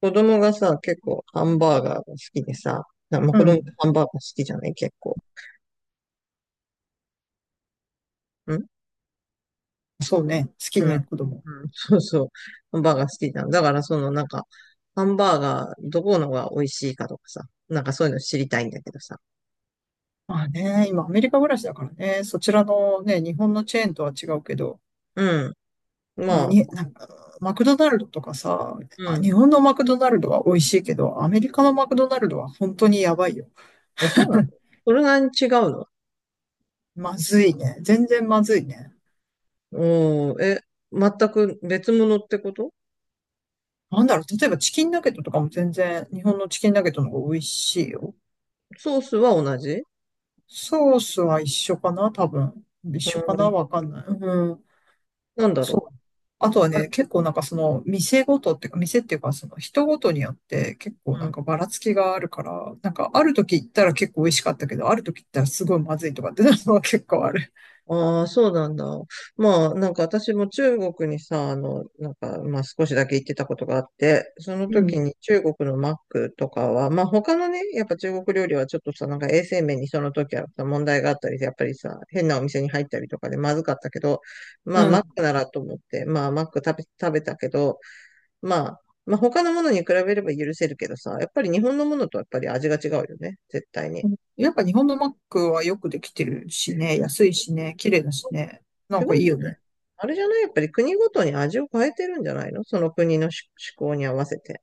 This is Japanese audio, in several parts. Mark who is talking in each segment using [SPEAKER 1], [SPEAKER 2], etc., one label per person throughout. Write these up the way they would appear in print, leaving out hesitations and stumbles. [SPEAKER 1] 子供がさ、結構ハンバーガーが好きでさ、まあ、
[SPEAKER 2] う
[SPEAKER 1] 子供って
[SPEAKER 2] ん。
[SPEAKER 1] ハンバーガー好きじゃない、結構。ん。
[SPEAKER 2] そうね、好き
[SPEAKER 1] う
[SPEAKER 2] ね、
[SPEAKER 1] ん。
[SPEAKER 2] 子供。
[SPEAKER 1] うん。そうそう。ハンバーガー好きじゃん。だからそのなんか、ハンバーガーどこのが美味しいかとかさ、なんかそういうの知りたいんだけどさ。
[SPEAKER 2] まあね、今アメリカ暮らしだからね、そちらのね、日本のチェーンとは違うけど、
[SPEAKER 1] うん。ま
[SPEAKER 2] ね、に、
[SPEAKER 1] あ、
[SPEAKER 2] なんか、マクドナルドとかさ、
[SPEAKER 1] う
[SPEAKER 2] あ、
[SPEAKER 1] ん。
[SPEAKER 2] 日本のマクドナルドは美味しいけど、アメリカのマクドナルドは本当にやばいよ。
[SPEAKER 1] あ、そうなの？それなりに違うの？
[SPEAKER 2] まずいね。全然まずいね。
[SPEAKER 1] おー、え、全く別物ってこと？
[SPEAKER 2] なんだろう、例えばチキンナゲットとかも全然日本のチキンナゲットの方が美味しいよ。
[SPEAKER 1] ソースは同じ？
[SPEAKER 2] ソースは一緒かな多分。一
[SPEAKER 1] う
[SPEAKER 2] 緒かな
[SPEAKER 1] ん。
[SPEAKER 2] わかんない。うん、
[SPEAKER 1] なんだろ
[SPEAKER 2] そう。あとは
[SPEAKER 1] う。
[SPEAKER 2] ね、結構なんかその店ごとっていうか、店っていうかその人ごとによって結構なんかばらつきがあるから、なんかある時行ったら結構美味しかったけど、ある時行ったらすごいまずいとかってなるのは結構ある。
[SPEAKER 1] ああ、そうなんだ。まあ、なんか私も中国にさ、なんか、まあ少しだけ行ってたことがあって、その
[SPEAKER 2] う
[SPEAKER 1] 時
[SPEAKER 2] ん、
[SPEAKER 1] に中国のマックとかは、まあ他のね、やっぱ中国料理はちょっとさ、なんか衛生面にその時はさ問題があったりで、やっぱりさ、変なお店に入ったりとかでまずかったけど、ま
[SPEAKER 2] う
[SPEAKER 1] あマッ
[SPEAKER 2] ん。
[SPEAKER 1] クならと思って、まあマック食べたけど、まあ、まあ他のものに比べれば許せるけどさ、やっぱり日本のものとやっぱり味が違うよね、絶対に。
[SPEAKER 2] やっぱ日本のマックはよくできてるしね、安いしね、綺麗だしね、な
[SPEAKER 1] 違
[SPEAKER 2] んかい
[SPEAKER 1] うん
[SPEAKER 2] い
[SPEAKER 1] じゃ
[SPEAKER 2] よ
[SPEAKER 1] ない？
[SPEAKER 2] ね。
[SPEAKER 1] あれじゃない？やっぱり国ごとに味を変えてるんじゃないの？その国の思考に合わせて。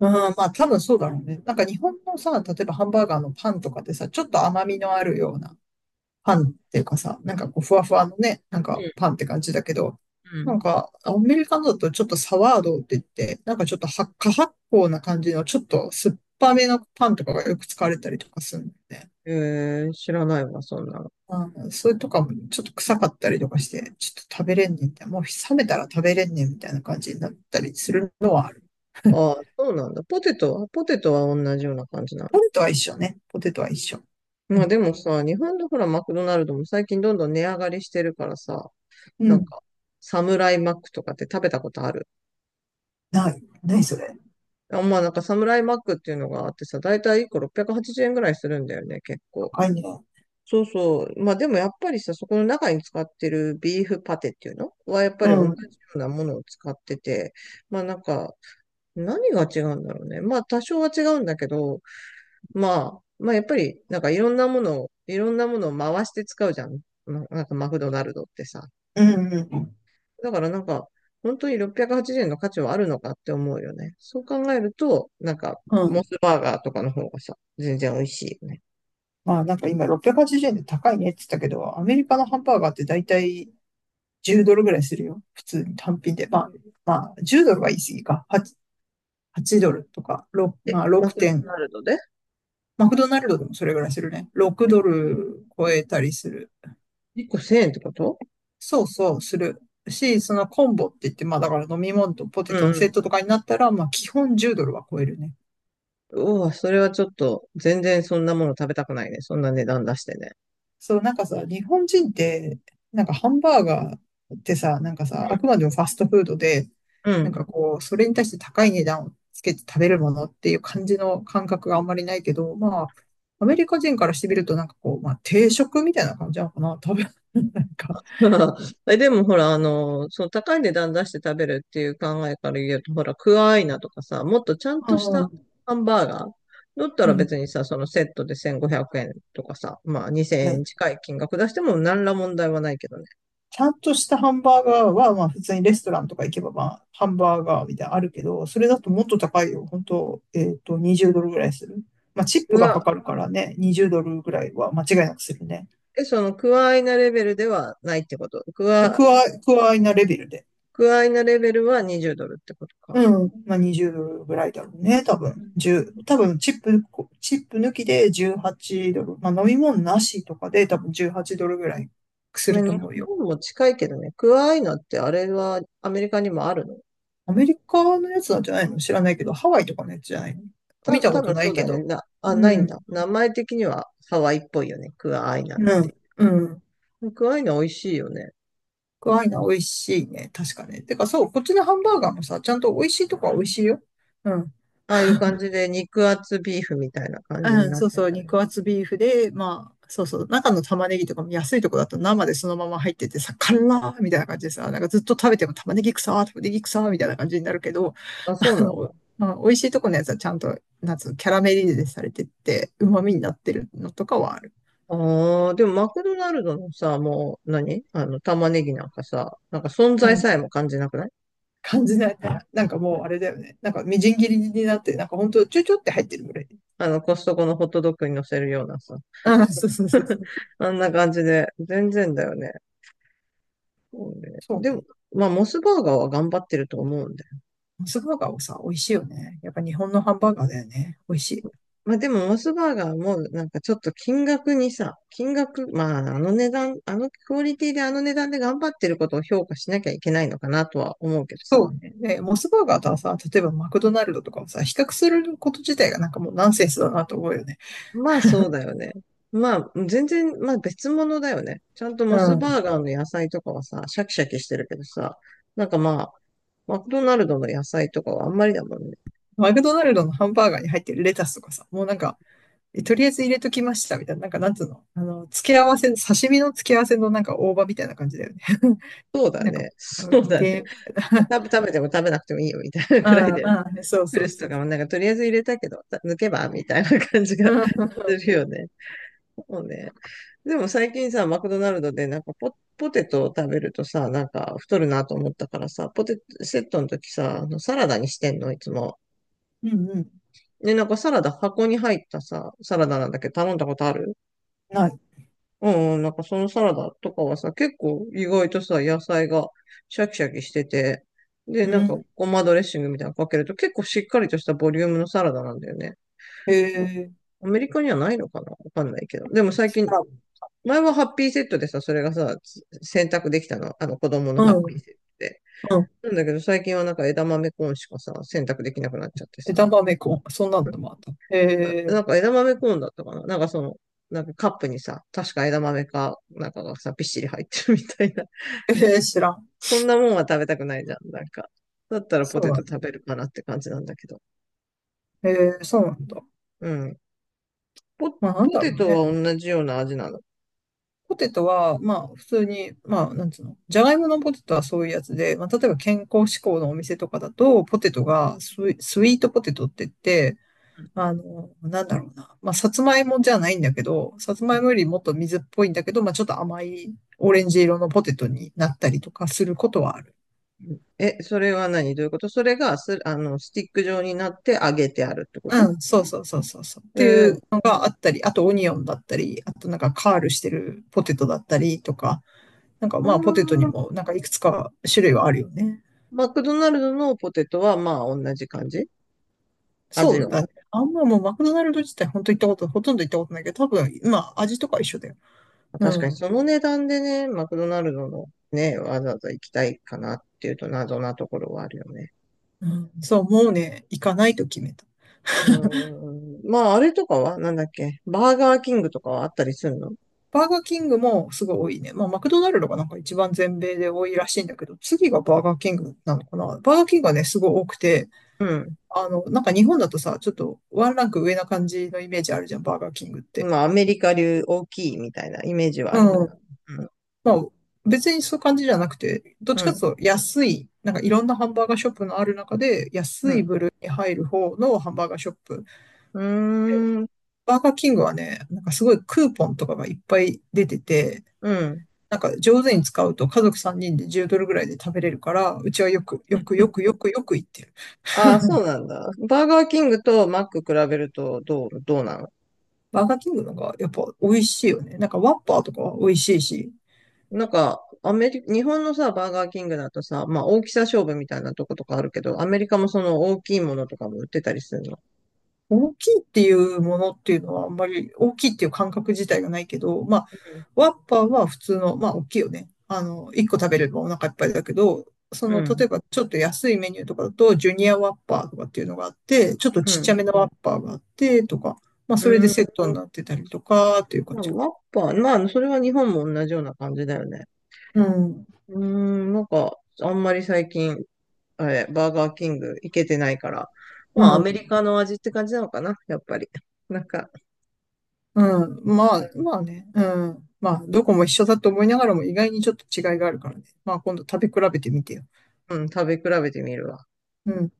[SPEAKER 2] うん、まあ多分そうだろうね。なんか日本のさ、例えばハンバーガーのパンとかでさ、ちょっと甘みのあるような、パンっていうかさ、なんかこう、ふわふわのね、なん
[SPEAKER 1] う
[SPEAKER 2] か
[SPEAKER 1] ん。
[SPEAKER 2] パンって感じだけど、なんか、アメリカのだとちょっとサワードって言って、なんかちょっと発火発酵な感じの、ちょっと酸っぱめのパンとかがよく使われたりとかするんだよね。
[SPEAKER 1] うん。えー、知らないわ、そんなの。
[SPEAKER 2] うん、それとかもちょっと臭かったりとかして、ちょっと食べれんねんみたいな、もう冷めたら食べれんねんみたいな感じになったりするのはある。
[SPEAKER 1] ああ、そうなんだ。ポテトは同じような感じなの？
[SPEAKER 2] ポテトは一緒ね。ポテトは一緒。う
[SPEAKER 1] まあ
[SPEAKER 2] ん。
[SPEAKER 1] でもさ、日本のほら、マクドナルドも最近どんどん値上がりしてるからさ、
[SPEAKER 2] う
[SPEAKER 1] なん
[SPEAKER 2] ん。
[SPEAKER 1] か、サムライマックとかって食べたことある？
[SPEAKER 2] ない。ないそれ。
[SPEAKER 1] あ、まあなんかサムライマックっていうのがあってさ、だいたい1個680円ぐらいするんだよね、結構。
[SPEAKER 2] 高いね。
[SPEAKER 1] そうそう。まあでもやっぱりさ、そこの中に使ってるビーフパテっていうのはやっぱ
[SPEAKER 2] う
[SPEAKER 1] り同
[SPEAKER 2] ん。
[SPEAKER 1] じ
[SPEAKER 2] う
[SPEAKER 1] よ
[SPEAKER 2] ん
[SPEAKER 1] うなものを使ってて、まあなんか何が違うんだろうね。まあ多少は違うんだけど、まあ、まあやっぱりなんかいろんなものを回して使うじゃん。なんかマクドナルドってさ。
[SPEAKER 2] うん。
[SPEAKER 1] だからなんか本当に680円の価値はあるのかって思うよね。そう考えると、なんか
[SPEAKER 2] う
[SPEAKER 1] モ
[SPEAKER 2] ん。
[SPEAKER 1] スバーガーとかの方がさ、全然美味しいよね。
[SPEAKER 2] まあなんか今680円で高いねって言ったけど、アメリカのハンバーガーってだいたい10ドルぐらいするよ。普通に単品で。まあ、まあ10ドルは言い過ぎか。8 ドルとか、ま
[SPEAKER 1] え、
[SPEAKER 2] あ
[SPEAKER 1] マ
[SPEAKER 2] 6
[SPEAKER 1] クド
[SPEAKER 2] 点。
[SPEAKER 1] ナルドで？
[SPEAKER 2] マクドナルドでもそれぐらいするね。6ドル超えたりする。
[SPEAKER 1] 1 個1000円ってこと？
[SPEAKER 2] そうそう、する。し、そのコンボって言って、まあだから飲み物とポテ
[SPEAKER 1] う
[SPEAKER 2] トのセッ
[SPEAKER 1] ん。
[SPEAKER 2] トとかになったら、まあ基本10ドルは超えるね。
[SPEAKER 1] うわ、それはちょっと、全然そんなもの食べたくないね。そんな値段出してね。
[SPEAKER 2] そう、なんかさ、日本人って、なんかハンバーガーってさ、なんかさ、あくまでもファストフードで、
[SPEAKER 1] う
[SPEAKER 2] なん
[SPEAKER 1] ん。
[SPEAKER 2] かこう、それに対して高い値段をつけて食べるものっていう感じの感覚があんまりないけど、まあ、アメリカ人からしてみると、なんかこう、まあ、定食みたいな感じなのかな、多分。なんか、
[SPEAKER 1] え、でもほら、その高い値段出して食べるっていう考えから言うと、ほら、クアアイナとかさ、もっとちゃん
[SPEAKER 2] う
[SPEAKER 1] とした
[SPEAKER 2] ん、
[SPEAKER 1] ハンバーガーだった
[SPEAKER 2] う
[SPEAKER 1] ら別
[SPEAKER 2] ん。
[SPEAKER 1] にさ、そのセットで1500円とかさ、まあ2000円近い金額出しても何ら問題はないけどね。
[SPEAKER 2] ちゃんとしたハンバーガーは、まあ普通にレストランとか行けば、まあハンバーガーみたいなのあるけど、それだともっと高いよ。本当20ドルぐらいする。まあチッ
[SPEAKER 1] ク
[SPEAKER 2] プがか
[SPEAKER 1] ワ、
[SPEAKER 2] かるからね、20ドルぐらいは間違いなくするね。
[SPEAKER 1] え、そのクアアイナレベルではないってこと？
[SPEAKER 2] クワイなレベルで。
[SPEAKER 1] クアアイナレベルは20ドルってことか。
[SPEAKER 2] うん。まあ20ドルぐらいだろうね、多分。10、多分チップ、抜きで18ドル。まあ飲み物なしとかで多分18ドルぐらいす
[SPEAKER 1] まあ
[SPEAKER 2] ると
[SPEAKER 1] 日
[SPEAKER 2] 思うよ。
[SPEAKER 1] 本も近いけどね、クアアイナってあれはアメリカにもあるの？
[SPEAKER 2] アメリカのやつなんじゃないの、知らないけど、ハワイとかのやつじゃないの、見た
[SPEAKER 1] 多
[SPEAKER 2] こと
[SPEAKER 1] 分
[SPEAKER 2] な
[SPEAKER 1] そ
[SPEAKER 2] い
[SPEAKER 1] うだ
[SPEAKER 2] け
[SPEAKER 1] よね。
[SPEAKER 2] ど。
[SPEAKER 1] あ、
[SPEAKER 2] う
[SPEAKER 1] ないん
[SPEAKER 2] ん、
[SPEAKER 1] だ。名前的にはハワイっぽいよね。クアアイナっ
[SPEAKER 2] う
[SPEAKER 1] て。
[SPEAKER 2] ん、うん。
[SPEAKER 1] クアアイナ美味しいよね。
[SPEAKER 2] クアイナ美味しいね。確かね。てかそう、こっちのハンバーガーもさ、ちゃんと美味しいとこは美味しいよ。うん。
[SPEAKER 1] ああいう感じで肉厚ビーフみたいな感
[SPEAKER 2] う
[SPEAKER 1] じに
[SPEAKER 2] ん、
[SPEAKER 1] なっ
[SPEAKER 2] そう
[SPEAKER 1] て
[SPEAKER 2] そう、
[SPEAKER 1] たり。
[SPEAKER 2] 肉厚ビーフで、まあ、そうそう、中の玉ねぎとかも安いとこだと生でそのまま入っててさ、辛ーみたいな感じでさ、なんかずっと食べても玉ねぎ臭ー、玉ねぎ臭ーみたいな感じになるけど、
[SPEAKER 1] あ、そう
[SPEAKER 2] あ
[SPEAKER 1] なんだ。
[SPEAKER 2] の、まあ、美味しいとこのやつはちゃんと、なんつうの、キャラメリゼされてって、旨味になってるのとかはある。
[SPEAKER 1] ああ、でもマクドナルドのさ、もう何玉ねぎなんかさ、なんか存
[SPEAKER 2] う
[SPEAKER 1] 在さえ
[SPEAKER 2] ん、
[SPEAKER 1] も感じなくない？
[SPEAKER 2] 感じないから、なんか
[SPEAKER 1] う
[SPEAKER 2] もうあ
[SPEAKER 1] ん。
[SPEAKER 2] れだよね。なんかみじん切りになって、なんかほんとちょちょって入ってるぐらい。
[SPEAKER 1] コストコのホットドッグに乗せるようなさ。
[SPEAKER 2] ああ、そうそうそうそ う。
[SPEAKER 1] あんな感じで、全然だよね。そうね。
[SPEAKER 2] そ
[SPEAKER 1] で
[SPEAKER 2] う
[SPEAKER 1] も、
[SPEAKER 2] ね。
[SPEAKER 1] まあ、モスバーガーは頑張ってると思うんだよ。
[SPEAKER 2] モスバーガーをさ、美味しいよね。やっぱ日本のハンバーガーだよね。美味しい。
[SPEAKER 1] まあ、でも、モスバーガーも、なんかちょっと金額、まあ、あの値段、あのクオリティであの値段で頑張ってることを評価しなきゃいけないのかなとは思うけどさ。
[SPEAKER 2] そうね。で、モスバーガーとはさ、例えばマクドナルドとかをさ、比較すること自体がなんかもうナンセンスだなと思うよね。
[SPEAKER 1] まあ、そうだよね。まあ、全然、まあ、別物だよね。ちゃんと
[SPEAKER 2] う
[SPEAKER 1] モス
[SPEAKER 2] ん。
[SPEAKER 1] バーガーの野菜とかはさ、シャキシャキしてるけどさ、なんかまあ、マクドナルドの野菜とかはあんまりだもんね。
[SPEAKER 2] マクドナルドのハンバーガーに入ってるレタスとかさ、もうなんか、とりあえず入れときましたみたいな、なんかなんつうの、あの、付け合わせ、刺身の付け合わせのなんか大葉みたいな感じだよね。
[SPEAKER 1] そう だ
[SPEAKER 2] なんか、
[SPEAKER 1] ね。
[SPEAKER 2] あ、
[SPEAKER 1] そう
[SPEAKER 2] 無
[SPEAKER 1] だね。
[SPEAKER 2] でみたいな。
[SPEAKER 1] 食べても食べなくてもいいよみたいな
[SPEAKER 2] う
[SPEAKER 1] くらい
[SPEAKER 2] ん
[SPEAKER 1] で。
[SPEAKER 2] うん、そう
[SPEAKER 1] プ
[SPEAKER 2] そ
[SPEAKER 1] ル
[SPEAKER 2] う
[SPEAKER 1] ス
[SPEAKER 2] そ
[SPEAKER 1] と
[SPEAKER 2] う
[SPEAKER 1] か
[SPEAKER 2] そう。
[SPEAKER 1] もなんかとりあえず入れたけど、抜けばみたいな感じ
[SPEAKER 2] う
[SPEAKER 1] が
[SPEAKER 2] ん、
[SPEAKER 1] するよね。そうね。でも最近さ、マクドナルドでなんかポテトを食べるとさ、なんか太るなと思ったからさ、ポテトセットの時さ、あのサラダにしてんの、いつも。
[SPEAKER 2] うんうん、
[SPEAKER 1] ね、なんかサラダ箱に入ったさ、サラダなんだけど頼んだことある？
[SPEAKER 2] ない。
[SPEAKER 1] うん、うん、なんかそのサラダとかはさ、結構意外とさ、野菜がシャキシャキしてて、で、
[SPEAKER 2] う
[SPEAKER 1] なんか
[SPEAKER 2] ん、
[SPEAKER 1] ごまドレッシングみたいなのかけると結構しっかりとしたボリュームのサラダなんだよね。
[SPEAKER 2] へえ、
[SPEAKER 1] アメリカにはないのかなわかんないけど。でも最近、
[SPEAKER 2] あら、
[SPEAKER 1] 前はハッピーセットでさ、それがさ、選択できたの。あの子供
[SPEAKER 2] う
[SPEAKER 1] のハッ
[SPEAKER 2] ん
[SPEAKER 1] ピ
[SPEAKER 2] へ
[SPEAKER 1] ー
[SPEAKER 2] え、
[SPEAKER 1] セットで。
[SPEAKER 2] あうん。
[SPEAKER 1] なんだけど最近はなんか枝豆コーンしかさ、選択できなくなっちゃってさ。
[SPEAKER 2] 枝豆コン、そんなのもあった。へ
[SPEAKER 1] な
[SPEAKER 2] え、
[SPEAKER 1] なんか枝豆コーンだったかな、なんかなんかカップにさ、確か枝豆か、なんかがさ、びっしり入ってるみたいな。
[SPEAKER 2] ええ、知らん。
[SPEAKER 1] そんなもんは食べたくないじゃん。なんか。だったらポ
[SPEAKER 2] そう
[SPEAKER 1] テ
[SPEAKER 2] な
[SPEAKER 1] ト
[SPEAKER 2] んだ。
[SPEAKER 1] 食べるかなって感じなんだけど。
[SPEAKER 2] へえ、そうなんだ。
[SPEAKER 1] うん。ポ、
[SPEAKER 2] まあ、なん
[SPEAKER 1] ポ
[SPEAKER 2] だろ
[SPEAKER 1] テ
[SPEAKER 2] う
[SPEAKER 1] ト
[SPEAKER 2] ね。
[SPEAKER 1] は同じような味なの？
[SPEAKER 2] ポテトは、まあ、普通に、まあ、なんつうの、じゃがいものポテトはそういうやつで、まあ、例えば健康志向のお店とかだと、ポテトがスイートポテトって言って、
[SPEAKER 1] うん。
[SPEAKER 2] あの、なんだろうな。まあ、さつまいもじゃないんだけど、さつ
[SPEAKER 1] う
[SPEAKER 2] まい
[SPEAKER 1] ん。
[SPEAKER 2] もよりもっと水っぽいんだけど、まあ、ちょっと甘いオレンジ色のポテトになったりとかすることはある。
[SPEAKER 1] え、それはどういうこと？それがす、あの、スティック状になって揚げてあるってこ
[SPEAKER 2] う
[SPEAKER 1] と？
[SPEAKER 2] ん、そうそうそうそうそう。っ
[SPEAKER 1] え
[SPEAKER 2] てい
[SPEAKER 1] ー、
[SPEAKER 2] うのがあったり、あとオニオンだったり、あとなんかカールしてるポテトだったりとか、なんか
[SPEAKER 1] あ
[SPEAKER 2] まあポテトに
[SPEAKER 1] ー、
[SPEAKER 2] もなんかいくつか種類はあるよね。
[SPEAKER 1] マクドナルドのポテトはまあ同じ感じ？
[SPEAKER 2] そ
[SPEAKER 1] 味
[SPEAKER 2] う
[SPEAKER 1] は。
[SPEAKER 2] だね。あんまもうマクドナルド自体本当行ったこと、ほとんど行ったことないけど、多分、まあ味とか一緒だよ。う
[SPEAKER 1] 確かに
[SPEAKER 2] ん。
[SPEAKER 1] その値段でね、マクドナルドのね、わざわざ行きたいかなっていうと謎なところはあるよね。
[SPEAKER 2] うん、そう、もうね、行かないと決めた。
[SPEAKER 1] うーん。まああれとかはなんだっけ、バーガーキングとかはあったりするの？
[SPEAKER 2] バーガーキングもすごい多いね。まあ、マクドナルドがなんか一番全米で多いらしいんだけど、次がバーガーキングなのかな。バーガーキングはね、すごい多くて、
[SPEAKER 1] うん。
[SPEAKER 2] あの、なんか日本だとさ、ちょっとワンランク上な感じのイメージあるじゃん、バーガーキングって。
[SPEAKER 1] まあアメリカ流大きいみたいなイメージはあるか
[SPEAKER 2] うん。
[SPEAKER 1] ら。うん。
[SPEAKER 2] まあ、別にそういう感じじゃなくて、どっ
[SPEAKER 1] う
[SPEAKER 2] ちかって
[SPEAKER 1] ん。
[SPEAKER 2] いうと安い、なんかいろんなハンバーガーショップのある中で、安い部類に入る方のハンバーガーショップ。
[SPEAKER 1] うん。うーん。
[SPEAKER 2] バーガーキングはね、なんかすごいクーポンとかがいっぱい出てて、
[SPEAKER 1] うん。
[SPEAKER 2] なんか上手に使うと家族3人で10ドルぐらいで食べれるから、うちはよく、よく、よく、よく、よく行ってる。
[SPEAKER 1] ああ、そうなんだ。バーガーキングとマック比べるとどうなの？
[SPEAKER 2] バーガーキングのがやっぱ美味しいよね。なんかワッパーとかは美味しいし、
[SPEAKER 1] なんか、アメリ、日本のさ、バーガーキングだとさ、まあ大きさ勝負みたいなとことかあるけど、アメリカもその大きいものとかも売ってたりするの？
[SPEAKER 2] 大きいっていうものっていうのはあんまり大きいっていう感覚自体がないけど、まあ、ワッパーは普通の、まあ大きいよね。あの、1個食べればお腹いっぱいだけど、そ
[SPEAKER 1] う
[SPEAKER 2] の、例
[SPEAKER 1] ん。
[SPEAKER 2] えばちょっと安いメニューとかだと、ジュニアワッパーとかっていうのがあって、ちょっと
[SPEAKER 1] う
[SPEAKER 2] ちっちゃ
[SPEAKER 1] ん。
[SPEAKER 2] めのワッパーがあって、とか、まあ
[SPEAKER 1] う
[SPEAKER 2] それで
[SPEAKER 1] ん。
[SPEAKER 2] セットになってたりとか、っていう感
[SPEAKER 1] まあ、
[SPEAKER 2] じか。
[SPEAKER 1] マッパー、まあ、それは日本も同じような感じだよね。
[SPEAKER 2] うん。
[SPEAKER 1] うーん、なんか、あんまり最近、あれ、バーガーキング行けてないから、
[SPEAKER 2] う
[SPEAKER 1] まあ、アメ
[SPEAKER 2] ん。
[SPEAKER 1] リカの味って感じなのかな、やっぱり。なんか、
[SPEAKER 2] うん。まあ、まあね。うん。まあ、どこも一緒だと思いながらも意外にちょっと違いがあるからね。まあ、今度食べ比べてみてよ。
[SPEAKER 1] うん、食べ比べてみるわ。
[SPEAKER 2] うん。